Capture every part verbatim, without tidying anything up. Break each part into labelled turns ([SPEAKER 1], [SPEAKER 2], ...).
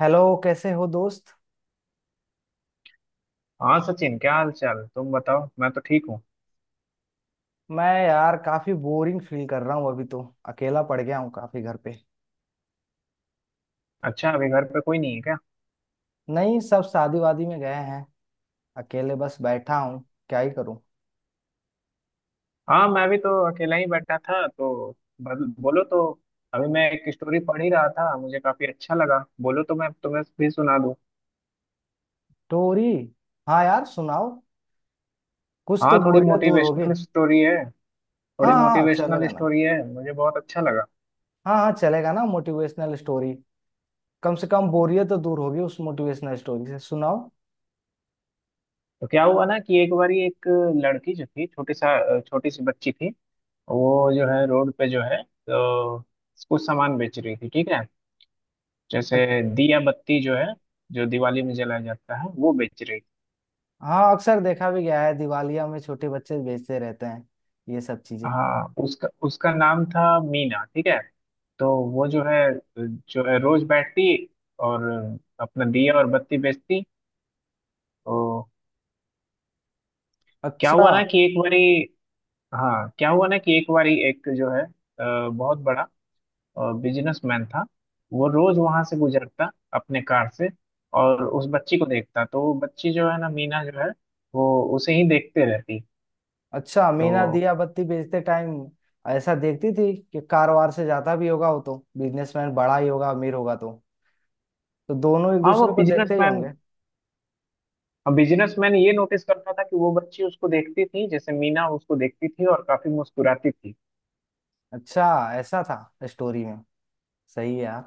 [SPEAKER 1] Hello, कैसे हो दोस्त।
[SPEAKER 2] हाँ सचिन, क्या हाल चाल, तुम बताओ। मैं तो ठीक हूँ।
[SPEAKER 1] मैं यार काफी बोरिंग फील कर रहा हूँ अभी तो। अकेला पड़ गया हूँ काफी घर पे।
[SPEAKER 2] अच्छा, अभी घर पे कोई नहीं है क्या।
[SPEAKER 1] नहीं, सब शादी वादी में गए हैं। अकेले बस बैठा हूँ। क्या ही करूँ।
[SPEAKER 2] हाँ, मैं भी तो अकेला ही बैठा था, तो बल- बोलो तो। अभी मैं एक स्टोरी पढ़ ही रहा था, मुझे काफी अच्छा लगा, बोलो तो मैं तुम्हें भी सुना दूँ।
[SPEAKER 1] स्टोरी? हाँ यार सुनाओ। कुछ तो
[SPEAKER 2] हाँ, थोड़ी
[SPEAKER 1] बोरियत दूर होगी।
[SPEAKER 2] मोटिवेशनल स्टोरी है।
[SPEAKER 1] हाँ
[SPEAKER 2] थोड़ी
[SPEAKER 1] हाँ
[SPEAKER 2] मोटिवेशनल
[SPEAKER 1] चलेगा ना।
[SPEAKER 2] स्टोरी है, मुझे बहुत अच्छा लगा।
[SPEAKER 1] हाँ हाँ चलेगा ना मोटिवेशनल स्टोरी। कम से कम बोरियत तो दूर होगी उस मोटिवेशनल स्टोरी से, सुनाओ।
[SPEAKER 2] तो क्या हुआ ना कि एक बारी एक लड़की जो थी, छोटी सा छोटी सी बच्ची थी। वो जो है रोड पे जो है, तो कुछ सामान बेच रही थी, ठीक है। जैसे
[SPEAKER 1] अ-
[SPEAKER 2] दिया बत्ती जो है, जो दिवाली में जलाया जाता है, वो बेच रही।
[SPEAKER 1] हाँ अक्सर देखा भी गया है दिवालिया में छोटे बच्चे बेचते रहते हैं ये सब चीजें।
[SPEAKER 2] हाँ, उसका उसका नाम था मीना, ठीक है। तो वो जो है, जो है रोज बैठती और अपना दिया और बत्ती बेचती तो। क्या
[SPEAKER 1] अच्छा।
[SPEAKER 2] हुआ ना कि एक बारी, हाँ, क्या हुआ ना कि एक बारी, एक जो है अ, बहुत बड़ा बिजनेसमैन था। वो रोज वहां से गुजरता अपने कार से और उस बच्ची को देखता, तो वो बच्ची जो है ना, मीना जो है, वो उसे ही देखते रहती
[SPEAKER 1] अच्छा मीना
[SPEAKER 2] तो।
[SPEAKER 1] दिया बत्ती बेचते टाइम ऐसा देखती थी कि कारोबार से ज्यादा भी होगा, वो तो बिजनेसमैन बड़ा ही होगा अमीर होगा तो तो दोनों एक
[SPEAKER 2] हाँ वो
[SPEAKER 1] दूसरे को देखते ही
[SPEAKER 2] बिजनेसमैन
[SPEAKER 1] होंगे।
[SPEAKER 2] बिजनेसमैन ये नोटिस करता था कि वो बच्ची उसको देखती थी, जैसे मीना उसको देखती थी और काफी मुस्कुराती थी।
[SPEAKER 1] अच्छा, ऐसा था स्टोरी में। सही है यार।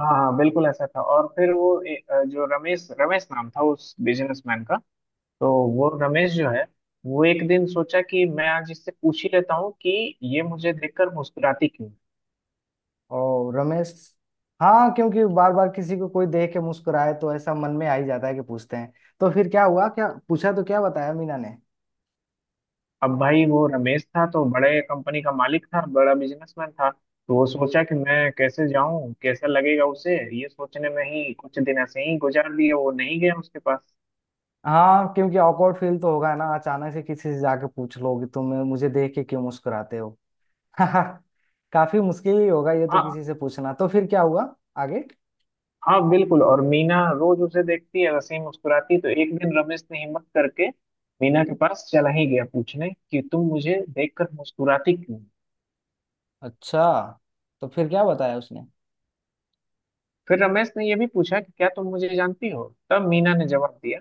[SPEAKER 2] हाँ हाँ, बिल्कुल ऐसा था। और फिर वो ए, अ, जो रमेश रमेश नाम था उस बिजनेसमैन का। तो वो रमेश जो है, वो एक दिन सोचा कि मैं आज इससे पूछ ही लेता हूँ कि ये मुझे देखकर मुस्कुराती क्यों।
[SPEAKER 1] और रमेश? हाँ क्योंकि बार बार किसी को कोई देख के मुस्कुराए तो ऐसा मन में आ ही जाता है कि पूछते हैं। तो फिर क्या हुआ, क्या पूछा तो क्या बताया मीना ने?
[SPEAKER 2] अब भाई, वो रमेश था तो बड़े कंपनी का मालिक था, बड़ा बिजनेसमैन था, तो वो सोचा कि मैं कैसे जाऊं, कैसा लगेगा उसे, ये सोचने में ही कुछ दिन ऐसे ही गुजार दिए, वो नहीं गया उसके पास।
[SPEAKER 1] हाँ क्योंकि awkward फील तो होगा ना अचानक से किसी से जाके पूछ लो कि तुम मुझे देख के क्यों मुस्कुराते हो। काफी मुश्किल ही होगा ये तो
[SPEAKER 2] हाँ
[SPEAKER 1] किसी से पूछना। तो फिर क्या हुआ आगे?
[SPEAKER 2] हाँ बिल्कुल। और मीना रोज उसे देखती है, वैसे ही मुस्कुराती है। तो एक दिन रमेश ने हिम्मत करके मीना के पास चला ही गया पूछने कि तुम मुझे देखकर मुस्कुराती क्यों।
[SPEAKER 1] अच्छा, तो फिर क्या बताया उसने?
[SPEAKER 2] फिर रमेश ने ये भी पूछा कि क्या तुम मुझे जानती हो। तब मीना ने जवाब दिया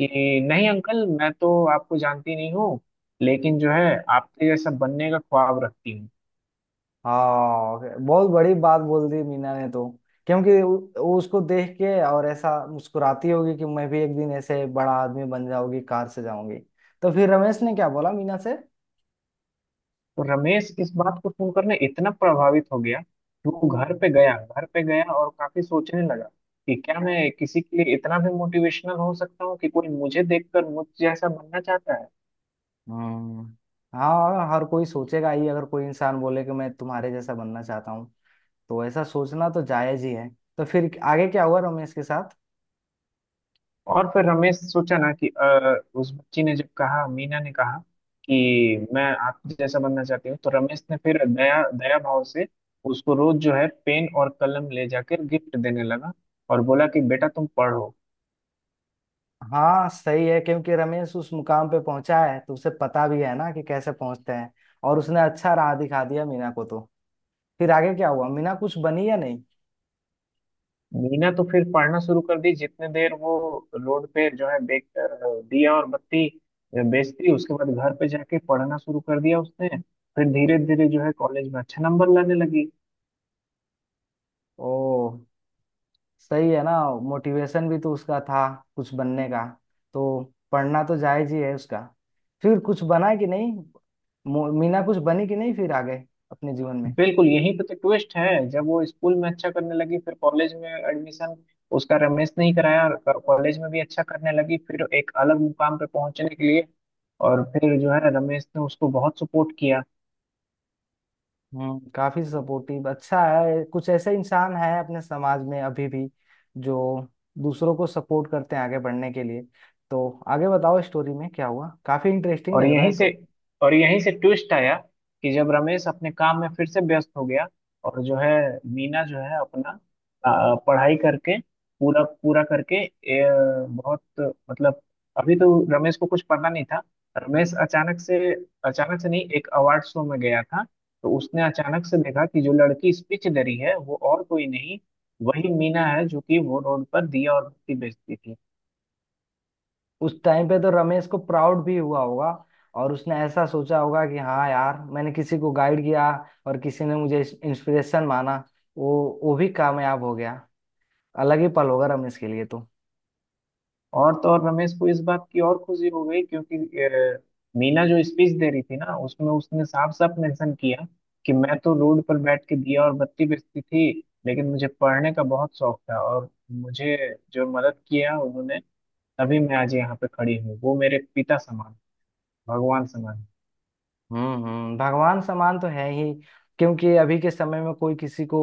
[SPEAKER 2] कि नहीं अंकल, मैं तो आपको जानती नहीं हूँ, लेकिन जो है आपके जैसा बनने का ख्वाब रखती हूँ।
[SPEAKER 1] हाँ, बहुत बड़ी बात बोल दी मीना ने तो। क्योंकि उ- उ- उसको देख के और ऐसा मुस्कुराती होगी कि मैं भी एक दिन ऐसे बड़ा आदमी बन जाऊंगी, कार से जाऊंगी। तो फिर रमेश ने क्या बोला मीना से?
[SPEAKER 2] तो रमेश इस बात को सुनकर ना इतना प्रभावित हो गया कि वो घर पे गया, घर पे गया और काफी सोचने लगा कि क्या मैं किसी के लिए इतना भी मोटिवेशनल हो सकता हूँ कि कोई मुझे देखकर मुझ जैसा बनना चाहता है।
[SPEAKER 1] हम्म। हाँ हर कोई सोचेगा ही, अगर कोई इंसान बोले कि मैं तुम्हारे जैसा बनना चाहता हूँ तो ऐसा सोचना तो जायज ही है। तो फिर आगे क्या हुआ रमेश के साथ?
[SPEAKER 2] और फिर रमेश सोचा ना कि अ, उस बच्ची ने जब कहा, मीना ने कहा कि मैं आप जैसा बनना चाहती हूँ, तो रमेश ने फिर दया दया भाव से उसको रोज जो है पेन और कलम ले जाकर गिफ्ट देने लगा और बोला कि बेटा तुम पढ़ो।
[SPEAKER 1] हाँ सही है, क्योंकि रमेश उस मुकाम पे पहुंचा है तो उसे पता भी है ना कि कैसे पहुंचते हैं। और उसने अच्छा राह दिखा दिया मीना को तो। फिर आगे क्या हुआ, मीना कुछ बनी या नहीं?
[SPEAKER 2] मीना तो फिर पढ़ना शुरू कर दी, जितने देर वो रोड पे जो है बेच दिया और बत्ती बेचती, उसके बाद घर पे जाके पढ़ना शुरू कर दिया उसने। फिर धीरे धीरे जो है कॉलेज में अच्छा नंबर लाने लगी।
[SPEAKER 1] ओ, सही है ना। मोटिवेशन भी तो उसका था कुछ बनने का तो पढ़ना तो जायज ही है उसका। फिर कुछ बना कि नहीं, मो- मीना कुछ बनी कि नहीं फिर आगे अपने जीवन में?
[SPEAKER 2] बिल्कुल यहीं पे तो ट्विस्ट है, जब वो स्कूल में अच्छा करने लगी, फिर कॉलेज में एडमिशन उसका रमेश ने ही कराया और कॉलेज में भी अच्छा करने लगी, फिर एक अलग मुकाम पे पहुंचने के लिए। और फिर जो है रमेश ने उसको बहुत सपोर्ट किया।
[SPEAKER 1] हम्म, काफी सपोर्टिव, अच्छा है। कुछ ऐसे इंसान हैं अपने समाज में अभी भी जो दूसरों को सपोर्ट करते हैं आगे बढ़ने के लिए। तो आगे बताओ स्टोरी में क्या हुआ, काफी इंटरेस्टिंग
[SPEAKER 2] और
[SPEAKER 1] लग रहा है
[SPEAKER 2] यहीं से
[SPEAKER 1] तो।
[SPEAKER 2] और यहीं से ट्विस्ट आया कि जब रमेश अपने काम में फिर से व्यस्त हो गया और जो है मीना जो है अपना अ, पढ़ाई करके, पूरा पूरा करके, ए, बहुत, मतलब, अभी तो रमेश को कुछ पता नहीं था। रमेश अचानक से, अचानक से नहीं, एक अवार्ड शो में गया था, तो उसने अचानक से देखा कि जो लड़की स्पीच दे रही है, वो और कोई नहीं, वही मीना है, जो कि वो रोड पर दिया और बत्ती बेचती थी।
[SPEAKER 1] उस टाइम पे तो रमेश को प्राउड भी हुआ होगा और उसने ऐसा सोचा होगा कि हाँ यार, मैंने किसी को गाइड किया और किसी ने मुझे इंस्पिरेशन माना, वो वो भी कामयाब हो गया। अलग ही पल होगा रमेश के लिए तो।
[SPEAKER 2] और तो और, रमेश को इस बात की और खुशी हो गई, क्योंकि अ, मीना जो स्पीच दे रही थी ना, उसमें उसने साफ साफ मेंशन किया कि मैं तो रोड पर बैठ के दिया और बत्ती बेचती थी, लेकिन मुझे पढ़ने का बहुत शौक था और मुझे जो मदद किया उन्होंने, तभी मैं आज यहाँ पे खड़ी हूँ, वो मेरे पिता समान, भगवान समान।
[SPEAKER 1] हम्म हम्म, भगवान समान तो है ही, क्योंकि अभी के समय में कोई किसी को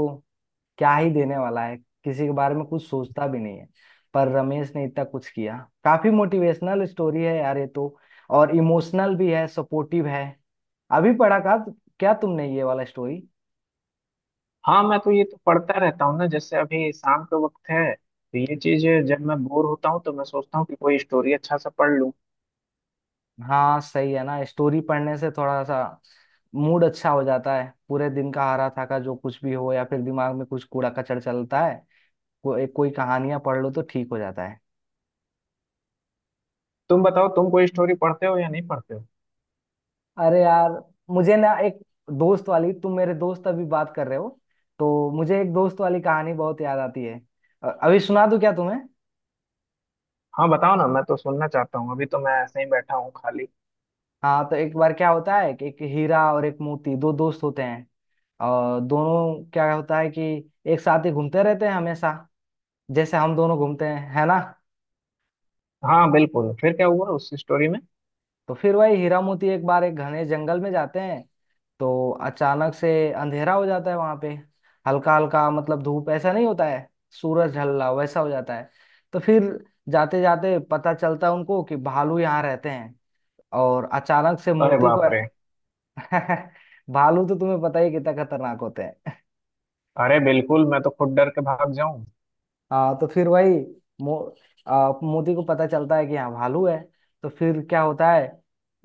[SPEAKER 1] क्या ही देने वाला है, किसी के बारे में कुछ सोचता भी नहीं है। पर रमेश ने इतना कुछ किया। काफी मोटिवेशनल स्टोरी है यार ये तो, और इमोशनल भी है, सपोर्टिव है। अभी पढ़ा का क्या तुमने ये वाला स्टोरी?
[SPEAKER 2] हाँ, मैं तो ये तो पढ़ता रहता हूँ ना, जैसे अभी शाम का वक्त है तो ये चीज है, जब मैं बोर होता हूँ तो मैं सोचता हूँ कि कोई स्टोरी अच्छा सा पढ़ लूँ।
[SPEAKER 1] हाँ सही है ना, स्टोरी पढ़ने से थोड़ा सा मूड अच्छा हो जाता है। पूरे दिन का हारा थाका जो कुछ भी हो या फिर दिमाग में कुछ कूड़ा कचड़ चलता है को, एक कोई कहानियां पढ़ लो तो ठीक हो जाता है।
[SPEAKER 2] तुम बताओ, तुम कोई स्टोरी पढ़ते हो या नहीं पढ़ते हो।
[SPEAKER 1] अरे यार, मुझे ना एक दोस्त वाली, तुम मेरे दोस्त अभी बात कर रहे हो तो मुझे एक दोस्त वाली कहानी बहुत याद आती है। अ- अभी सुना दूं क्या तुम्हें?
[SPEAKER 2] हाँ, बताओ ना, मैं तो सुनना चाहता हूँ, अभी तो मैं ऐसे ही बैठा हूँ खाली।
[SPEAKER 1] हाँ तो एक बार क्या होता है कि एक हीरा और एक मोती दो दोस्त होते हैं। और दोनों क्या होता है कि एक साथ ही घूमते रहते हैं हमेशा, जैसे हम दोनों घूमते हैं, है ना।
[SPEAKER 2] हाँ बिल्कुल, फिर क्या हुआ उस स्टोरी में।
[SPEAKER 1] तो फिर वही हीरा मोती एक बार एक घने जंगल में जाते हैं। तो अचानक से अंधेरा हो जाता है वहां पे। हल्का हल्का, मतलब धूप ऐसा नहीं होता है, सूरज ढल रहा हो वैसा हो जाता है। तो फिर जाते जाते पता चलता है उनको कि भालू यहाँ रहते हैं। और अचानक से
[SPEAKER 2] अरे
[SPEAKER 1] मोती को
[SPEAKER 2] बाप रे।
[SPEAKER 1] भालू तो तुम्हें पता ही है कितना खतरनाक होते हैं।
[SPEAKER 2] अरे बिल्कुल, मैं तो खुद डर के भाग जाऊं।
[SPEAKER 1] हाँ तो फिर वही मो, आ, मोती को पता चलता है कि यहाँ भालू है। तो फिर क्या होता है,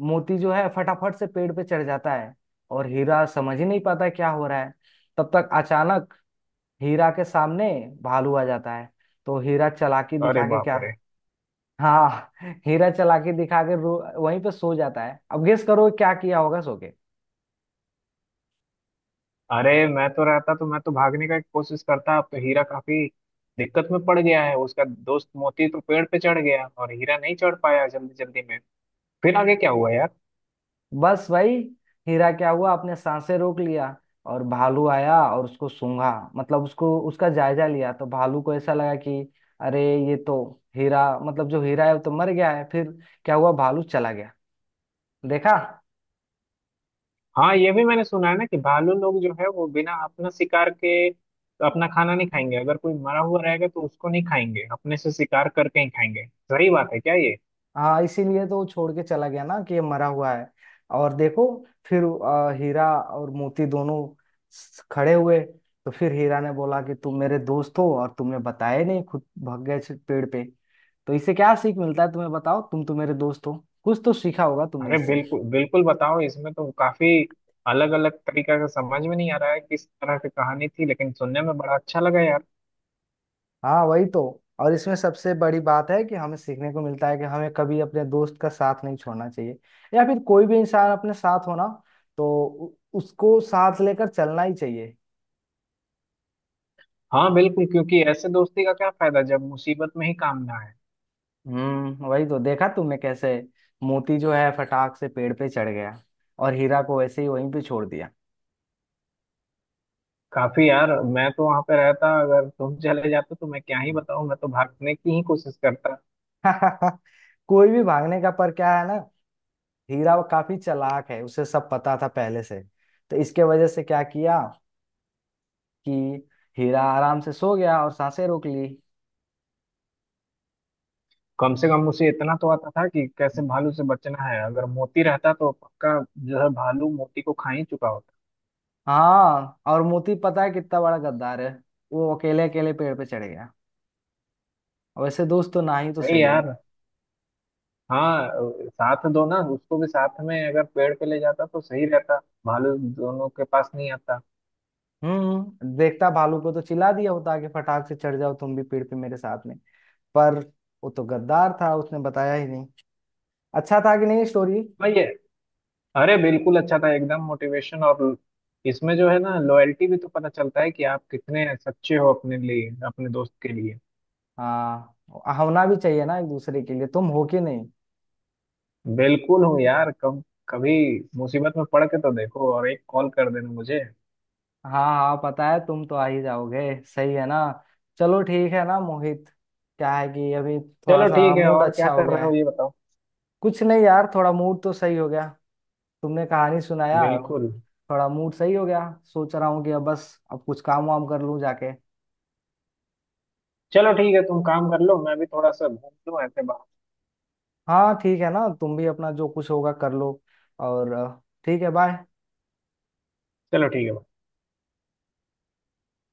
[SPEAKER 1] मोती जो है फटाफट से पेड़ पे चढ़ जाता है और हीरा समझ ही नहीं पाता क्या हो रहा है। तब तक अचानक हीरा के सामने भालू आ जाता है। तो हीरा चालाकी
[SPEAKER 2] अरे
[SPEAKER 1] दिखा के
[SPEAKER 2] बाप
[SPEAKER 1] क्या,
[SPEAKER 2] रे।
[SPEAKER 1] हाँ हीरा चालाकी दिखा के रो वहीं पे सो जाता है। अब गेस करो क्या किया होगा सो के।
[SPEAKER 2] अरे, मैं तो रहता तो मैं तो भागने का कोशिश करता। अब तो हीरा काफी दिक्कत में पड़ गया है, उसका दोस्त मोती तो पेड़ पे चढ़ गया और हीरा नहीं चढ़ पाया जल्दी जल्दी में। फिर आगे क्या हुआ।
[SPEAKER 1] बस भाई, हीरा क्या हुआ अपने सांसें रोक लिया। और भालू आया और उसको सूंघा, मतलब उसको उसका जायजा लिया। तो भालू को ऐसा लगा कि अरे ये तो हीरा, मतलब जो हीरा है वो तो मर गया है। फिर क्या हुआ, भालू चला गया, देखा।
[SPEAKER 2] हाँ, ये भी मैंने सुना है ना कि भालू लोग जो है वो बिना अपना शिकार के अपना खाना नहीं खाएंगे, अगर कोई मरा हुआ रहेगा तो उसको नहीं खाएंगे, अपने से शिकार करके ही खाएंगे। सही बात है क्या ये।
[SPEAKER 1] हाँ इसीलिए तो वो छोड़ के चला गया ना कि ये मरा हुआ है। और देखो फिर अ, हीरा और मोती दोनों स- खड़े हुए। तो फिर हीरा ने बोला कि तुम मेरे दोस्त हो और तुमने बताया नहीं, खुद भाग गए से पेड़ पे। तो इससे क्या सीख मिलता है तुम्हें बताओ, तुम तो मेरे दोस्त हो, कुछ तो सीखा होगा तुमने
[SPEAKER 2] अरे
[SPEAKER 1] इससे।
[SPEAKER 2] बिल्कुल बिल्कुल, बताओ, इसमें तो काफी अलग अलग तरीका का, समझ में नहीं आ रहा है किस तरह की कहानी थी, लेकिन सुनने में बड़ा अच्छा लगा यार।
[SPEAKER 1] हाँ वही तो, और इसमें सबसे बड़ी बात है कि हमें सीखने को मिलता है कि हमें कभी अपने दोस्त का साथ नहीं छोड़ना चाहिए, या फिर कोई भी इंसान अपने साथ हो ना तो उ- उसको साथ लेकर चलना ही चाहिए।
[SPEAKER 2] हाँ बिल्कुल, क्योंकि ऐसे दोस्ती का क्या फायदा जब मुसीबत में ही काम ना है।
[SPEAKER 1] हम्म वही तो, देखा तुमने कैसे मोती जो है फटाक से पेड़ पे चढ़ गया और हीरा को वैसे ही वहीं पे छोड़ दिया।
[SPEAKER 2] काफी यार, मैं तो वहां पे रहता अगर तुम चले जाते तो, मैं क्या ही बताऊं, मैं तो भागने की ही कोशिश करता।
[SPEAKER 1] कोई भी भागने का, पर क्या है ना, हीरा वो काफी चालाक है, उसे सब पता था पहले से, तो इसके वजह से क्या किया कि हीरा आराम से सो गया और सांसें रोक ली।
[SPEAKER 2] कम से कम उसे इतना तो आता था कि कैसे भालू से बचना है, अगर मोती रहता तो पक्का जो है भालू मोती को खा ही चुका होता।
[SPEAKER 1] हाँ, और मोती पता है कितना बड़ा गद्दार है, वो अकेले अकेले पेड़ पे चढ़ गया। और वैसे दोस्त तो ना ही तो
[SPEAKER 2] अरे
[SPEAKER 1] सही है।
[SPEAKER 2] यार। हाँ अ, साथ दो ना, उसको भी साथ में अगर पेड़ पे ले जाता तो सही रहता, भालू दोनों के पास नहीं आता।
[SPEAKER 1] हम्म देखता भालू को तो चिल्ला दिया होता कि फटाक से चढ़ जाओ तुम भी पेड़ पे मेरे साथ में। पर वो तो गद्दार था, उसने बताया ही नहीं। अच्छा था कि नहीं स्टोरी?
[SPEAKER 2] भाई ये, अरे बिल्कुल अच्छा था एकदम, मोटिवेशन और इसमें जो है ना लॉयल्टी भी तो पता चलता है कि आप कितने सच्चे हो अपने लिए, अपने दोस्त के लिए।
[SPEAKER 1] हाँ, होना भी चाहिए ना एक दूसरे के लिए, तुम हो कि नहीं?
[SPEAKER 2] बिल्कुल हूँ यार, कब कभी मुसीबत में पड़ के तो देखो, और एक कॉल कर देना मुझे।
[SPEAKER 1] हाँ हाँ पता है, तुम तो आ ही जाओगे। सही है ना। चलो ठीक है ना मोहित, क्या है कि अभी थोड़ा
[SPEAKER 2] चलो
[SPEAKER 1] सा
[SPEAKER 2] ठीक है,
[SPEAKER 1] मूड
[SPEAKER 2] और क्या
[SPEAKER 1] अच्छा हो
[SPEAKER 2] कर रहे
[SPEAKER 1] गया
[SPEAKER 2] हो
[SPEAKER 1] है।
[SPEAKER 2] ये बताओ।
[SPEAKER 1] कुछ नहीं यार, थोड़ा मूड तो सही हो गया, तुमने कहानी सुनाया,
[SPEAKER 2] बिल्कुल।
[SPEAKER 1] थोड़ा मूड सही हो गया। सोच रहा हूँ कि अब बस अब कुछ काम वाम कर लूँ जाके।
[SPEAKER 2] चलो ठीक है, तुम काम कर लो, मैं भी थोड़ा सा घूम लूँ ऐसे बाहर।
[SPEAKER 1] हाँ ठीक है ना, तुम भी अपना जो कुछ होगा कर लो। और अ, ठीक है, बाय।
[SPEAKER 2] चलो ठीक है।